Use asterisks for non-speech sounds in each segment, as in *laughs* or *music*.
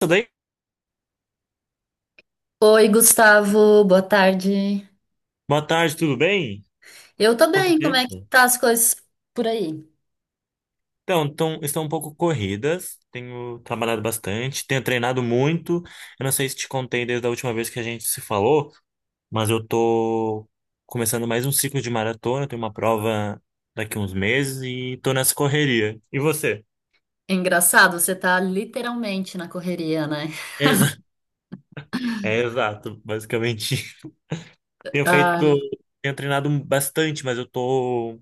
Tudo bem? Oi, Gustavo, boa tarde. Boa tarde, tudo bem? Eu tô Quanto bem, como é que tempo? tá as coisas por aí? Então, estão um pouco corridas, tenho trabalhado bastante, tenho treinado muito. Eu não sei se te contei desde a última vez que a gente se falou, mas eu tô começando mais um ciclo de maratona, tenho uma prova daqui uns meses e tô nessa correria. E você? É engraçado, você tá literalmente na correria, né? Exa- *laughs* É exato, basicamente. *laughs* *laughs* Tenho feito, Ai, tenho treinado bastante, mas eu tô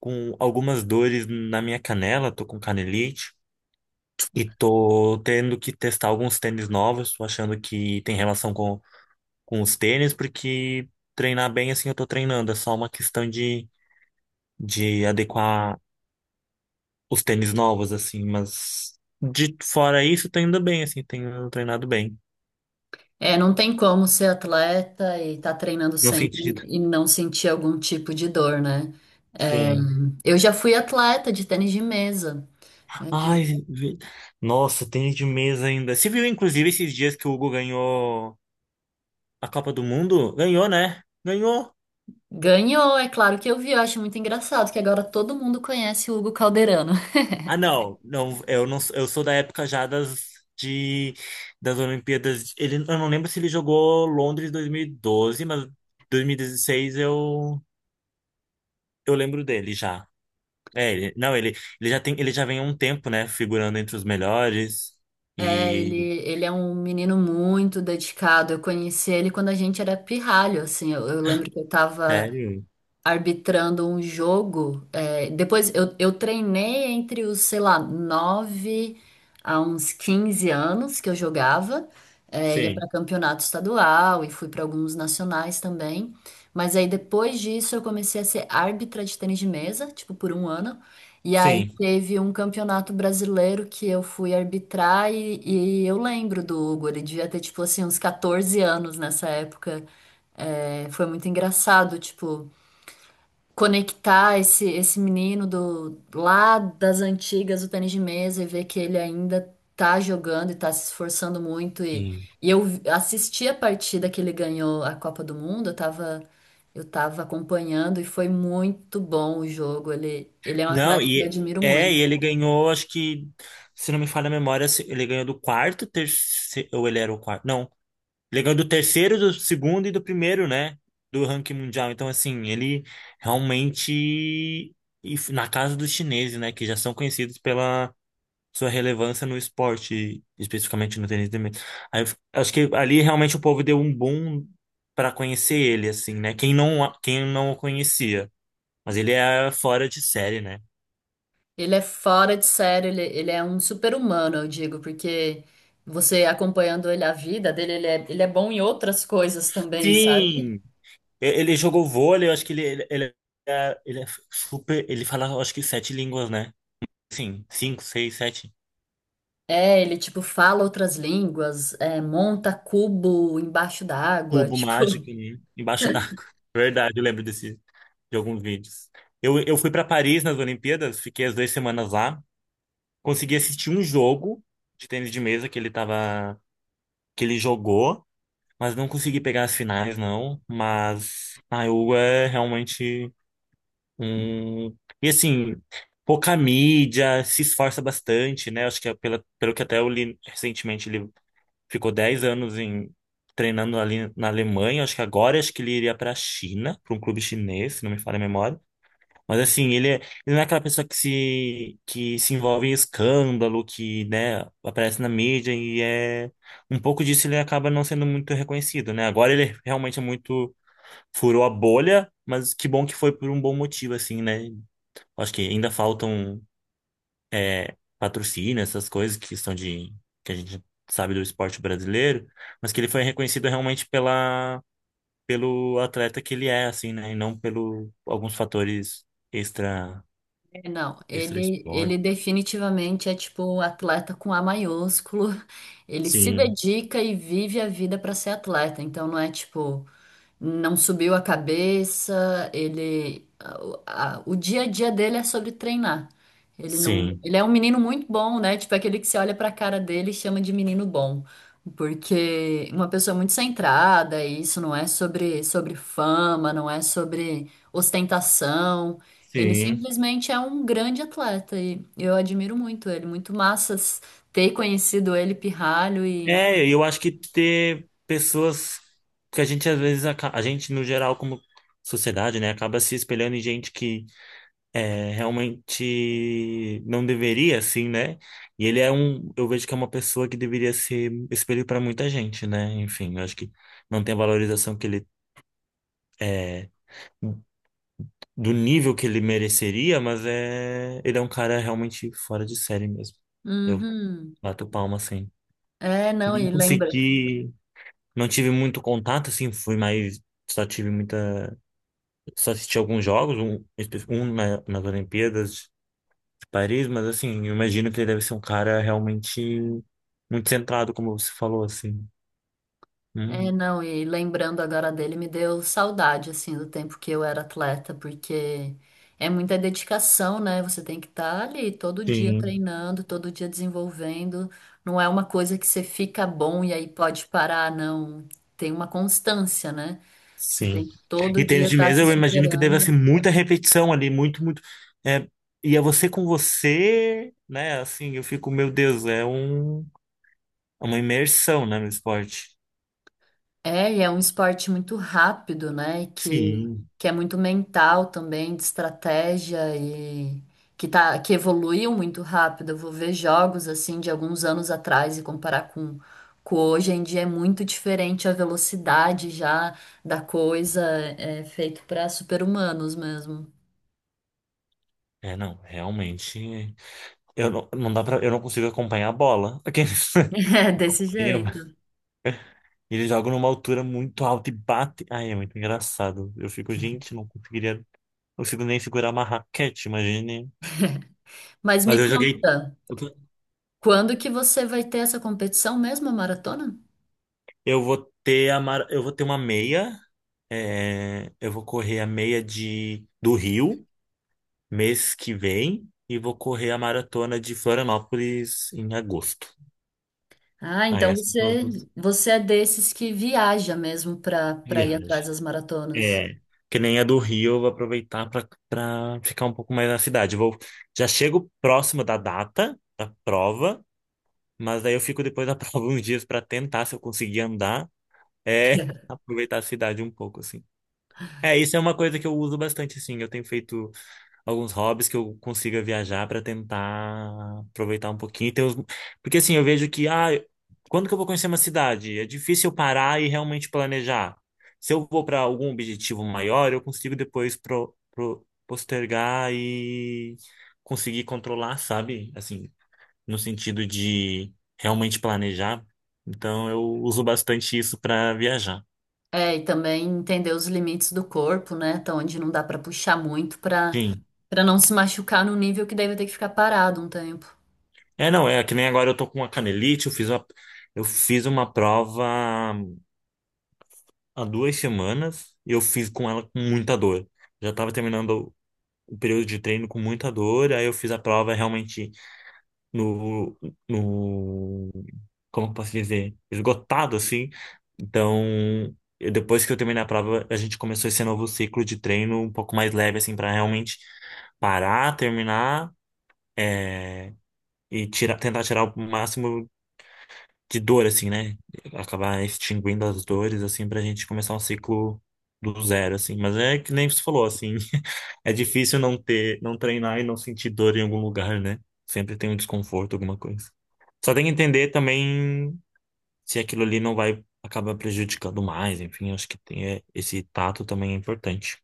com algumas dores na minha canela, tô com canelite. E tô tendo que testar alguns tênis novos, tô achando que tem relação com os tênis, porque treinar bem assim eu tô treinando, é só uma questão de adequar os tênis novos, assim, mas de fora isso, tô indo bem, assim, tenho treinado bem, é, não tem como ser atleta e tá treinando no sempre sentido. e não sentir algum tipo de dor, né? É, Sim. eu já fui atleta de tênis de mesa. É, de- Ai, vi- nossa, tênis de mesa ainda. Você viu, inclusive, esses dias que o Hugo ganhou a Copa do Mundo? Ganhou, né? Ganhou. Ganhou, é claro que eu vi, eu acho muito engraçado que agora todo mundo conhece o Hugo Calderano. Ah, não, não, eu não, eu sou da época já das de das Olimpíadas. Ele, eu não lembro se ele jogou Londres 2012, mas 2016 eu lembro dele já. É, ele, não, ele já tem, ele já vem há um tempo, né, figurando entre os melhores. É, ele, E ele é um menino muito dedicado. Eu conheci ele quando a gente era pirralho, assim. Eu lembro que eu tava sério? arbitrando um jogo. Depois eu treinei entre os, sei lá, 9 a uns 15 anos que eu jogava. Ia Sim. para campeonato estadual e fui para alguns nacionais também. Mas aí depois disso eu comecei a ser árbitra de tênis de mesa, tipo por um ano. E aí Sim. teve um campeonato brasileiro que eu fui arbitrar e eu lembro do Hugo, ele devia ter tipo assim uns 14 anos nessa época. É, foi muito engraçado, tipo, conectar esse menino do lá das antigas do tênis de mesa e ver que ele ainda tá jogando e tá se esforçando muito Sim. e assisti a partida que ele ganhou a Copa do Mundo, eu tava acompanhando e foi muito bom o jogo. Ele é um Não, atleta que eu e admiro é, muito. e ele ganhou, acho que se não me falha a memória, ele ganhou do quarto, terceiro, ou ele era o quarto? Não. Ele do terceiro, do segundo e do primeiro, né? Do ranking mundial. Então, assim, ele realmente. E na casa dos chineses, né? Que já são conhecidos pela sua relevância no esporte, especificamente no tênis de mesa. Aí, eu acho que ali realmente o povo deu um boom para conhecer ele, assim, né? Quem não, quem não o conhecia. Mas ele é fora de série, né? Ele é fora de série, ele é um super-humano, eu digo, porque você acompanhando ele a vida dele, ele é bom em outras coisas também, sabe? Sim! Ele jogou vôlei, eu acho que ele é super. Ele fala, eu acho que sete línguas, né? Sim, cinco, seis, sete. É, ele, tipo, fala outras línguas, é, monta cubo embaixo d'água, *laughs* Cubo mágico, tipo... né? Embaixo d'água. *laughs* Verdade, eu lembro desse, de alguns vídeos. Eu fui para Paris nas Olimpíadas, fiquei as 2 semanas lá, consegui assistir um jogo de tênis de mesa que ele tava, que ele jogou, mas não consegui pegar as finais, não. Mas a EU é realmente um. E assim, pouca mídia, se esforça bastante, né? Acho que é pela, pelo que até eu li recentemente, ele ficou 10 anos em treinando ali na Alemanha. Acho que agora acho que ele iria para a China, para um clube chinês, se não me falha a memória. Mas assim, ele, ele não é aquela pessoa que se envolve em escândalo, que, né, aparece na mídia e é um pouco disso ele acaba não sendo muito reconhecido, né? Agora ele realmente é muito furou a bolha, mas que bom que foi por um bom motivo assim, né? Acho que ainda faltam é, patrocina essas coisas que são de que a gente sabe do esporte brasileiro, mas que ele foi reconhecido realmente pela pelo atleta que ele é, assim, né? E não pelo alguns fatores extra Não, extra ele esporte. definitivamente é, tipo, um atleta com A maiúsculo. Ele se Sim, dedica e vive a vida para ser atleta. Então, não é, tipo, não subiu a cabeça, ele... o dia a dia dele é sobre treinar. Ele não... sim, Ele é um menino muito bom, né? Tipo, aquele que você olha pra cara dele e chama de menino bom. Porque uma pessoa muito centrada, e isso não é sobre, sobre fama, não é sobre ostentação. Ele sim. simplesmente é um grande atleta e eu admiro muito ele. Muito massas ter conhecido ele pirralho e. É, eu acho que ter pessoas que a gente às vezes a gente no geral como sociedade, né, acaba se espelhando em gente que é, realmente não deveria, assim, né? E ele é um, eu vejo que é uma pessoa que deveria ser espelho para muita gente, né? Enfim, eu acho que não tem a valorização que ele é do nível que ele mereceria, mas é, ele é um cara realmente fora de série mesmo. Eu Uhum. bato palma assim. É, não, e Não lembra. consegui, não tive muito contato, assim, fui mais, só tive muita, só assisti alguns jogos, um, um nas Olimpíadas Paris, mas assim, eu imagino que ele deve ser um cara realmente muito centrado, como você falou, assim. É, Hum, não, e lembrando agora dele, me deu saudade, assim, do tempo que eu era atleta, porque é muita dedicação, né? Você tem que estar ali todo dia sim, treinando, todo dia desenvolvendo. Não é uma coisa que você fica bom e aí pode parar, não. Tem uma constância, né? Você sim. tem que todo E dia tênis de estar mesa, se eu imagino que deve superando. ser muita repetição ali, muito, muito. É, e é você com você, né? Assim, eu fico, meu Deus, é um, é uma imersão, né, no esporte. É, e é um esporte muito rápido, né? Sim. Que é muito mental também, de estratégia e que tá, que evoluiu muito rápido. Eu vou ver jogos assim de alguns anos atrás e comparar com hoje em dia é muito diferente a velocidade já da coisa, é feito para super-humanos mesmo. É, não, realmente. Eu não, não dá pra, eu não consigo acompanhar a bola. *laughs* *laughs* É desse jeito. Eles jogam numa altura muito alta e bate, ai, é muito engraçado. Eu fico, gente, não conseguiria. Não consigo nem segurar uma raquete, imagine. Mas Mas me eu joguei. conta, quando que você vai ter essa competição mesmo, a maratona? Eu vou ter uma meia. É, eu vou correr a meia de do Rio mês que vem e vou correr a maratona de Florianópolis em agosto. Ah, Aí então essas são as você, minhas você é desses que viaja mesmo para ir viagens. atrás das maratonas. É, que nem a do Rio, eu vou aproveitar para ficar um pouco mais na cidade. Eu vou, já chego próximo da data da prova, mas daí eu fico depois da *laughs* prova uns dias para tentar, se eu conseguir andar, é, *laughs* *laughs* aproveitar a cidade um pouco, assim. É, isso é uma coisa que eu uso bastante, assim. Eu tenho feito alguns hobbies que eu consiga viajar para tentar aproveitar um pouquinho. Porque assim, eu vejo que, ah, quando que eu vou conhecer uma cidade? É difícil eu parar e realmente planejar. Se eu vou para algum objetivo maior, eu consigo depois postergar e conseguir controlar, sabe? Assim, no sentido de realmente planejar. Então, eu uso bastante isso para viajar. É, e também entender os limites do corpo, né? Até onde não dá para puxar muito para Sim. Não se machucar no nível que daí vai ter que ficar parado um tempo. É, não, é que nem agora eu tô com a canelite, eu fiz uma prova há 2 semanas e eu fiz com ela com muita dor. Já estava terminando o período de treino com muita dor, aí eu fiz a prova realmente no, no, como eu posso dizer, esgotado assim. Então, depois que eu terminei a prova, a gente começou esse novo ciclo de treino um pouco mais leve assim para realmente parar, terminar é, e tirar, tentar tirar o máximo de dor, assim, né? Acabar extinguindo as dores, assim, pra gente começar um ciclo do zero, assim. Mas é que nem você falou, assim, *laughs* é difícil não ter, não treinar e não sentir dor em algum lugar, né? Sempre tem um desconforto, alguma coisa. Só tem que entender também se aquilo ali não vai acabar prejudicando mais, enfim, acho que tem é, esse tato também é importante.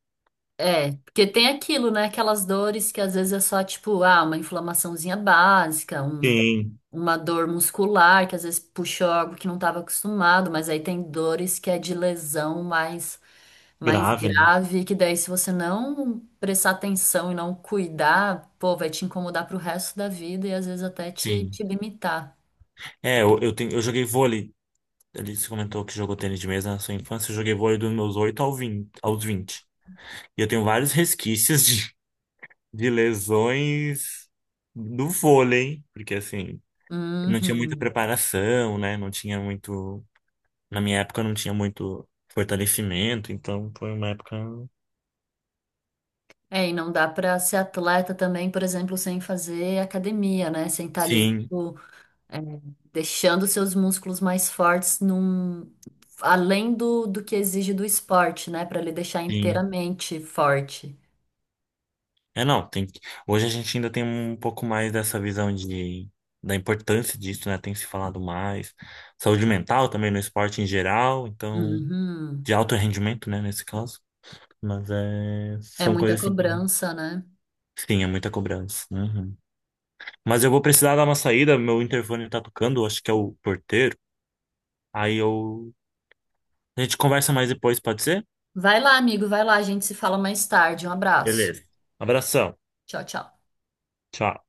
É, porque tem aquilo, né? Aquelas dores que às vezes é só tipo, ah, uma inflamaçãozinha básica, um, Sim, uma dor muscular que às vezes puxou algo que não estava acostumado, mas aí tem dores que é de lesão mais grave, né? grave, que daí se você não prestar atenção e não cuidar, pô, vai te incomodar pro resto da vida e às vezes até te, Sim. te limitar. É, eu, tenho, eu joguei vôlei. Ele se comentou que jogou tênis de mesa na sua infância. Eu joguei vôlei dos meus 8 ao 20, aos 20. E eu tenho vários resquícios de lesões do vôlei, porque assim, não tinha muita Uhum. preparação, né? Não tinha muito. Na minha época não tinha muito fortalecimento, então foi uma época. É, e não dá pra ser atleta também, por exemplo, sem fazer academia, né? Sem estar ali, Sim, tipo, é, deixando seus músculos mais fortes num... além do, do que exige do esporte, né? Pra ele deixar sim. inteiramente forte. É, não, tem que... Hoje a gente ainda tem um pouco mais dessa visão de, da importância disso, né? Tem se falado mais. Saúde mental também no esporte em geral, então, Uhum. de alto rendimento, né, nesse caso. Mas é... É são muita coisas assim. Cobrança, né? Sim, é muita cobrança. Uhum. Mas eu vou precisar dar uma saída, meu interfone tá tocando, acho que é o porteiro. Aí eu. A gente conversa mais depois, pode ser? Vai lá, amigo, vai lá, a gente se fala mais tarde. Um abraço. Beleza. Abração. Tchau, tchau. Tchau.